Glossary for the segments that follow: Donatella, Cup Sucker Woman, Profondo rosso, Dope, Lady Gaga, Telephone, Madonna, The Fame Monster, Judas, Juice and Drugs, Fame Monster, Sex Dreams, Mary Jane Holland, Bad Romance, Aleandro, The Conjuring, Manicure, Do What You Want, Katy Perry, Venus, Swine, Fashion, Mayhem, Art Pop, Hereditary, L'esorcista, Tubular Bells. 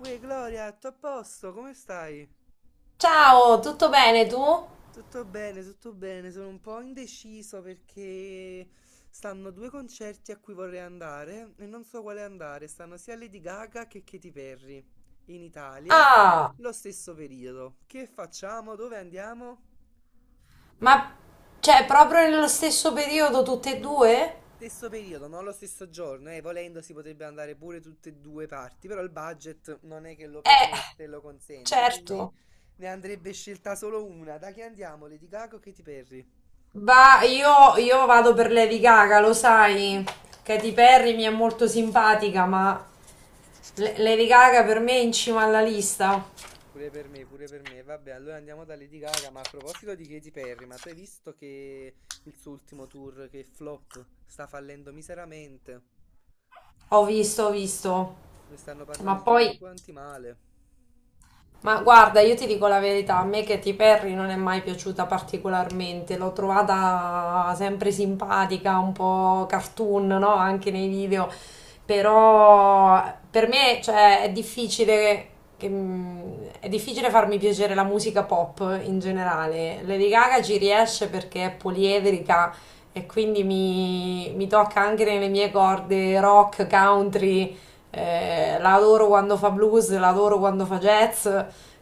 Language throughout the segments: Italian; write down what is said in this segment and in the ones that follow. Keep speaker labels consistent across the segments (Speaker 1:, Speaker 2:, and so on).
Speaker 1: Uè, Gloria, tutto a posto? Come stai?
Speaker 2: Ciao, tutto bene tu?
Speaker 1: Tutto bene, tutto bene. Sono un po' indeciso perché stanno due concerti a cui vorrei andare e non so quale andare. Stanno sia Lady Gaga che Katy Perry in Italia,
Speaker 2: Ah,
Speaker 1: lo stesso periodo. Che facciamo? Dove andiamo?
Speaker 2: ma cioè proprio nello stesso periodo tutte e due?
Speaker 1: Stesso periodo, non lo stesso giorno, volendo si potrebbe andare pure tutte e due parti, però il budget non è che lo
Speaker 2: Eh,
Speaker 1: permette, lo consente, quindi
Speaker 2: certo.
Speaker 1: ne andrebbe scelta solo una. Da chi andiamo? Lady Gaga o Katy Perry?
Speaker 2: Va, io vado per Lady Gaga, lo sai. Katy Perry mi è molto simpatica, ma Lady Gaga per me è in cima alla lista.
Speaker 1: Pure per me, pure per me. Vabbè, allora andiamo da Lady Gaga. Ma a proposito di Katy Perry, ma tu hai visto che il suo ultimo tour, che è flop, sta fallendo miseramente?
Speaker 2: Ho visto, ho visto.
Speaker 1: Ne stanno
Speaker 2: Ma
Speaker 1: parlando tutti
Speaker 2: poi
Speaker 1: quanti male.
Speaker 2: Ma guarda, io ti dico la verità, a me Katy Perry non è mai piaciuta particolarmente, l'ho trovata sempre simpatica, un po' cartoon, no? Anche nei video, però per me, cioè, è difficile, che- mm, è difficile farmi piacere la musica pop in generale. Lady Gaga ci riesce perché è poliedrica e quindi mi tocca anche nelle mie corde rock, country, la adoro quando fa blues, la adoro quando fa jazz.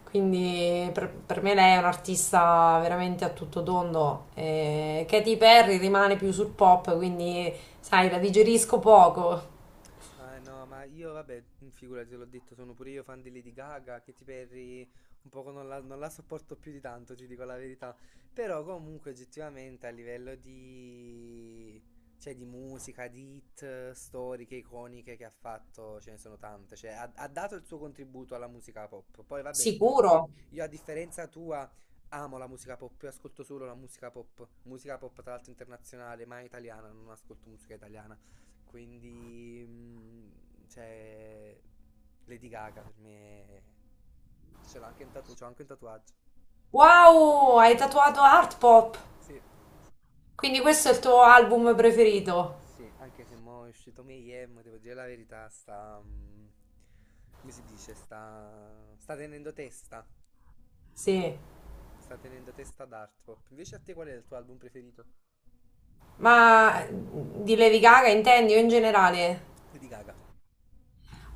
Speaker 2: Quindi per me lei è un'artista veramente a tutto tondo. Katy Perry rimane più sul pop, quindi sai, la digerisco poco.
Speaker 1: Ah no, ma io vabbè, figurati, te l'ho detto, sono pure io fan di Lady Gaga. Katy Perry, un poco non la sopporto più di tanto, ti dico la verità. Però comunque oggettivamente a livello di, cioè di musica, di hit, storiche, iconiche che ha fatto, ce ne sono tante, cioè ha dato il suo contributo alla musica pop. Poi vabbè, io,
Speaker 2: Sicuro.
Speaker 1: io a differenza tua amo la musica pop, io ascolto solo la musica pop tra l'altro internazionale, mai italiana, non ascolto musica italiana. Quindi, cioè, Lady Gaga per me ce l'ho anche un tatu- c'ho anche un tatuaggio.
Speaker 2: Wow, hai tatuato Art Pop.
Speaker 1: Sì,
Speaker 2: Quindi questo è il tuo album preferito?
Speaker 1: sì, anche se mo è uscito Mayhem, devo dire la verità, sta, come si dice, sta tenendo testa,
Speaker 2: Sì.
Speaker 1: sta tenendo testa ad Art Pop. Invece a te qual è il tuo album preferito?
Speaker 2: Ma di Levi Gaga intendi o in generale?
Speaker 1: Lady Gaga,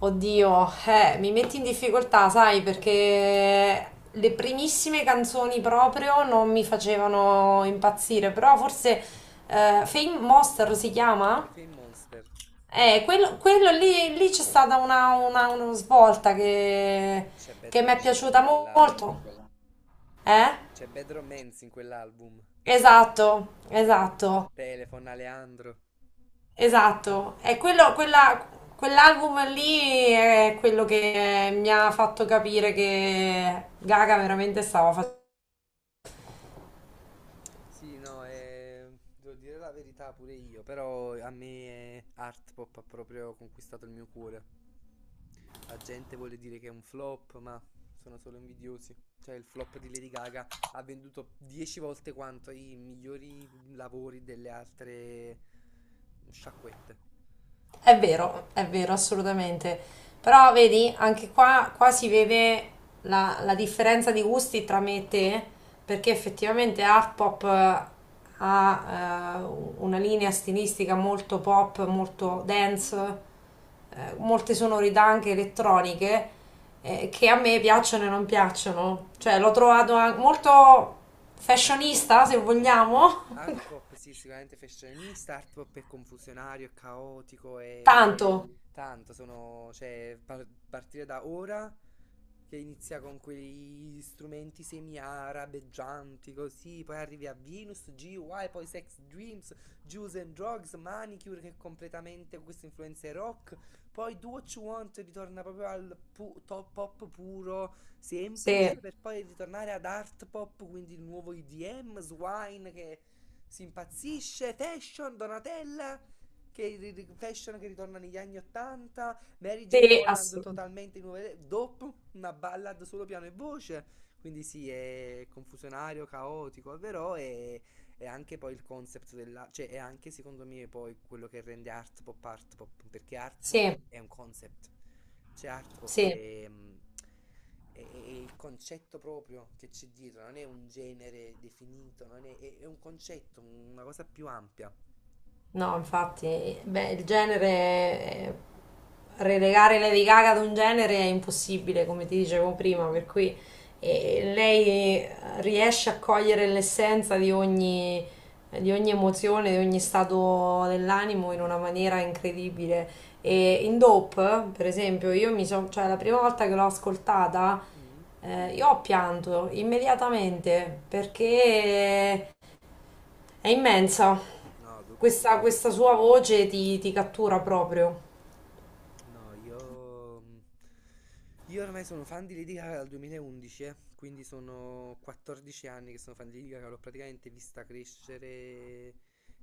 Speaker 2: Oddio, mi metti in difficoltà, sai, perché le primissime canzoni proprio non mi facevano impazzire, però forse Fame Monster si chiama?
Speaker 1: The Fame Monster.
Speaker 2: Quello lì, lì c'è stata una svolta che,
Speaker 1: C'è Bad
Speaker 2: che mi è
Speaker 1: Romance
Speaker 2: piaciuta
Speaker 1: in quell'album.
Speaker 2: molto. Eh?
Speaker 1: C'è Bad Romance in quell'album.
Speaker 2: Esatto,
Speaker 1: C'è
Speaker 2: esatto.
Speaker 1: Telephone Aleandro.
Speaker 2: Esatto, è quello, quell'album lì è quello che mi ha fatto capire che Gaga veramente stava...
Speaker 1: Sì, no, devo dire la verità pure io, però a me Art Pop ha proprio conquistato il mio cuore. La gente vuole dire che è un flop, ma sono solo invidiosi. Cioè, il flop di Lady Gaga ha venduto 10 volte quanto i migliori lavori delle altre sciacquette.
Speaker 2: È vero, assolutamente. Però vedi, anche qua si vede la differenza di gusti tra me e te, perché effettivamente Art Pop ha una linea stilistica molto pop,
Speaker 1: Mm,
Speaker 2: molto dance, molte sonorità anche elettroniche, che a me piacciono e non piacciono. Cioè,
Speaker 1: ok.
Speaker 2: l'ho trovato molto fashionista, se
Speaker 1: Sì,
Speaker 2: vogliamo.
Speaker 1: art pop sì, sicuramente fashionista, art pop è confusionario, è caotico, è
Speaker 2: Tanto,
Speaker 1: tanto, sono, cioè, partire da ora che inizia con quegli strumenti semi-arabeggianti così, poi arrivi a Venus, GY, poi Sex Dreams, Juice and Drugs, Manicure che è completamente con queste influenze rock, poi Do What You Want ritorna proprio al top pop puro, semplice,
Speaker 2: sì,
Speaker 1: per poi ritornare ad art pop, quindi il nuovo EDM, Swine che si impazzisce, Fashion, Donatella, che Fashion che ritorna negli anni 80, Mary Jane
Speaker 2: sì,
Speaker 1: Holland
Speaker 2: assolutamente.
Speaker 1: totalmente nuove, dopo una ballad solo piano e voce, quindi sì, è confusionario, caotico, però è vero, e anche poi il concept della, cioè è anche secondo me poi quello che rende art pop, perché art pop
Speaker 2: Sì.
Speaker 1: è un concept, cioè art pop
Speaker 2: Sì,
Speaker 1: è, mm, è il concetto proprio che c'è dietro, non è un genere definito, non è, è un concetto, una cosa più ampia.
Speaker 2: no, infatti, beh, il genere, relegare Lady Gaga ad un genere è impossibile, come ti
Speaker 1: Le tigre.
Speaker 2: dicevo prima, per cui lei riesce a cogliere l'essenza di ogni emozione, di ogni stato dell'animo in una maniera incredibile. E in Dope, per esempio, io mi sono, cioè la prima volta che l'ho ascoltata,
Speaker 1: Mm.
Speaker 2: io ho pianto immediatamente perché... È immensa.
Speaker 1: No, dopo è
Speaker 2: Questa
Speaker 1: stupenda.
Speaker 2: sua voce ti cattura proprio.
Speaker 1: No, io, io ormai sono fan di Lady Gaga dal 2011, quindi sono 14 anni che sono fan di Lady Gaga, l'ho praticamente vista crescere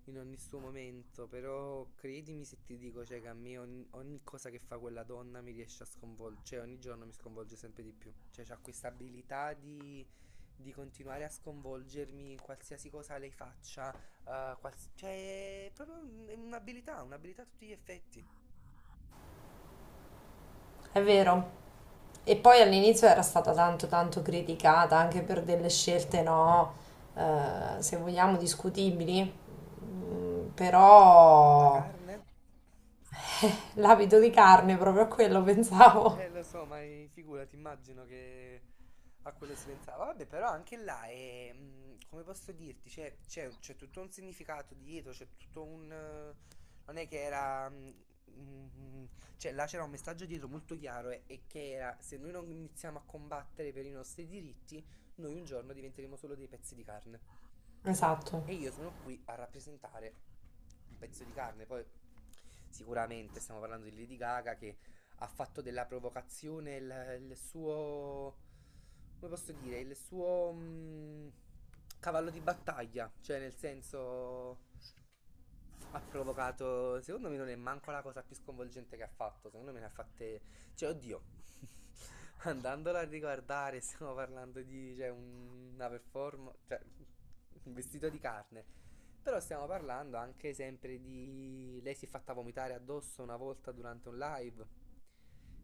Speaker 1: in ogni suo momento, però credimi se ti dico, cioè, che a me ogni cosa che fa quella donna mi riesce a sconvolgere, cioè ogni giorno mi sconvolge sempre di più, cioè c'ha questa abilità di continuare a sconvolgermi in qualsiasi cosa lei faccia, cioè è proprio è un'abilità, un'abilità a tutti gli effetti.
Speaker 2: È vero. E poi all'inizio era stata tanto tanto criticata anche per delle scelte, no, se vogliamo discutibili. Mm,
Speaker 1: La
Speaker 2: però
Speaker 1: carne?
Speaker 2: l'abito di carne proprio a quello pensavo.
Speaker 1: Lo so, ma figurati, immagino che a quello si pensava. Vabbè, però anche là è, mm, come posso dirti, c'è tutto un significato dietro, c'è tutto un, non è che era, mm, mm, cioè, là c'era un messaggio dietro molto chiaro e che era, se noi non iniziamo a combattere per i nostri diritti, noi un giorno diventeremo solo dei pezzi di carne.
Speaker 2: Esatto.
Speaker 1: E io sono qui a rappresentare un pezzo di carne. Poi sicuramente stiamo parlando di Lady Gaga che ha fatto della provocazione il suo, come posso dire, il suo cavallo di battaglia, cioè nel senso ha provocato, secondo me non è manco la cosa più sconvolgente che ha fatto, secondo me ne ha fatte cioè, oddio, andandola a riguardare, stiamo parlando di, cioè, una performance, cioè, un vestito di carne. Però stiamo parlando anche sempre di, lei si è fatta vomitare addosso una volta durante un live.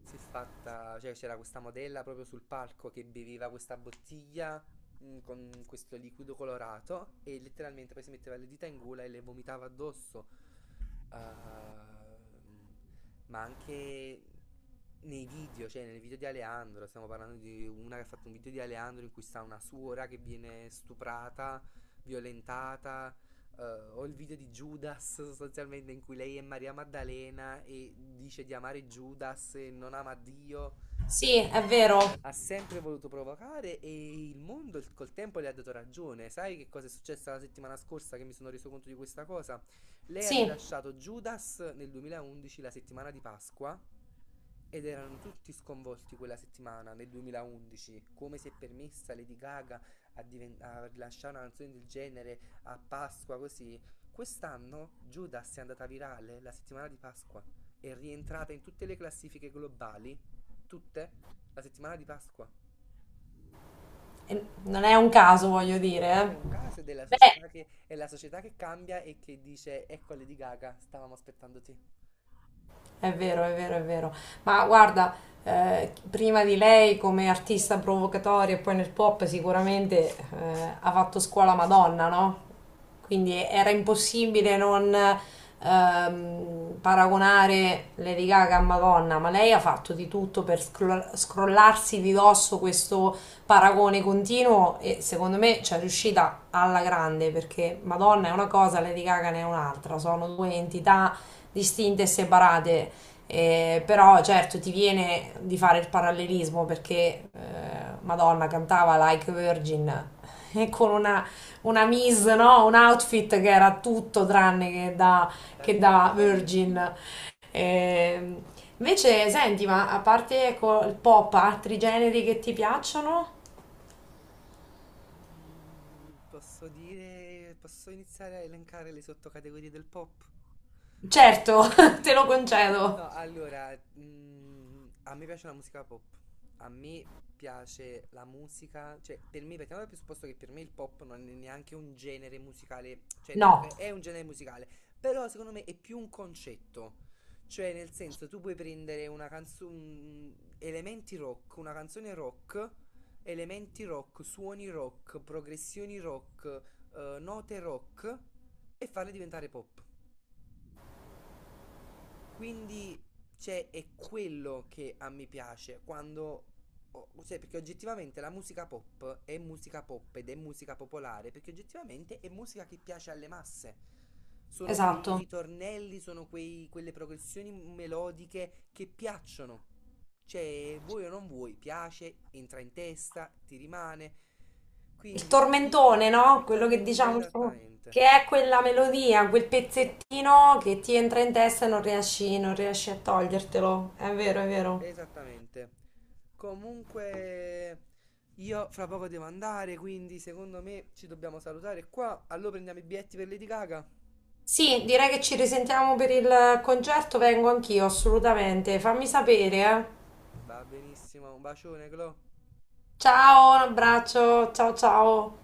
Speaker 1: Si è fatta, cioè, c'era questa modella proprio sul palco che beveva questa bottiglia con questo liquido colorato e letteralmente poi si metteva le dita in gola e le vomitava addosso. Ehm, ma anche nei video, cioè nel video di Aleandro, stiamo parlando di una che ha fatto un video di Aleandro in cui sta una suora che viene stuprata, violentata, eh, o il video di Judas sostanzialmente in cui lei è Maria Maddalena e dice di amare Judas e non ama Dio.
Speaker 2: Sì, è
Speaker 1: Cioè,
Speaker 2: vero.
Speaker 1: ha sempre voluto provocare e il mondo col tempo le ha dato ragione. Sai che cosa è successo la settimana scorsa che mi sono reso conto di questa cosa? Lei ha
Speaker 2: Sì,
Speaker 1: rilasciato Judas nel 2011, la settimana di Pasqua, ed erano tutti sconvolti quella settimana, nel 2011. Come si è permessa Lady Gaga a, a rilasciare una canzone del genere a Pasqua così? Quest'anno Judas è andata virale la settimana di Pasqua. È rientrata in tutte le classifiche globali, tutte, la settimana di Pasqua.
Speaker 2: e non è un caso, voglio dire.
Speaker 1: Non è un
Speaker 2: Eh.
Speaker 1: caso ed è la
Speaker 2: Beh,
Speaker 1: società è la società che cambia e che dice, ecco Lady Gaga, stavamo aspettando te.
Speaker 2: è vero, è vero, è vero. Ma guarda, prima di lei come artista provocatoria e poi nel pop sicuramente ha fatto scuola Madonna, no? Quindi era impossibile non paragonare Lady Gaga a Madonna, ma lei ha fatto di tutto per scrollarsi di dosso questo paragone continuo e secondo me ci è riuscita alla grande perché Madonna è una cosa, Lady Gaga ne è un'altra, sono due entità distinte e separate. Però certo ti viene di fare il parallelismo perché Madonna cantava Like a Virgin e con una mise, no? Un outfit che era tutto tranne
Speaker 1: Da
Speaker 2: che da
Speaker 1: vergine.
Speaker 2: Virgin. Eh, invece, senti, ma a parte ecco, il pop, altri generi che ti piacciono?
Speaker 1: Mm, posso dire, posso iniziare a elencare le sottocategorie del pop? No,
Speaker 2: Certo, te lo concedo.
Speaker 1: no, allora, mm, a me piace la musica pop, a me piace la musica, cioè per me, partiamo dal presupposto che per me il pop non è neanche un genere musicale, cioè nel
Speaker 2: No,
Speaker 1: senso è un genere musicale, però secondo me è più un concetto, cioè nel senso tu puoi prendere una canzone, elementi rock, una canzone rock elementi rock, suoni rock, progressioni rock, note rock e farle diventare pop. Quindi, cioè, è quello che a me piace quando. Cioè, perché oggettivamente la musica pop è musica pop ed è musica popolare, perché oggettivamente è musica che piace alle masse. Sono quei
Speaker 2: esatto.
Speaker 1: ritornelli, sono quelle progressioni melodiche che piacciono. Cioè, vuoi o non vuoi, piace, entra in testa, ti rimane.
Speaker 2: Il
Speaker 1: Quindi,
Speaker 2: tormentone, no?
Speaker 1: il
Speaker 2: Quello che
Speaker 1: tormento,
Speaker 2: diciamo, il
Speaker 1: esattamente.
Speaker 2: che è quella melodia, quel pezzettino che ti entra in testa e non riesci, non riesci a togliertelo. È vero, è vero.
Speaker 1: Esattamente. Comunque, io fra poco devo andare, quindi secondo me ci dobbiamo salutare qua. Allora prendiamo i biglietti per Lady Gaga.
Speaker 2: Sì, direi che ci risentiamo per il concerto, vengo anch'io, assolutamente. Fammi sapere, eh.
Speaker 1: Va benissimo, un bacione, Clo.
Speaker 2: Ciao, un abbraccio, ciao ciao.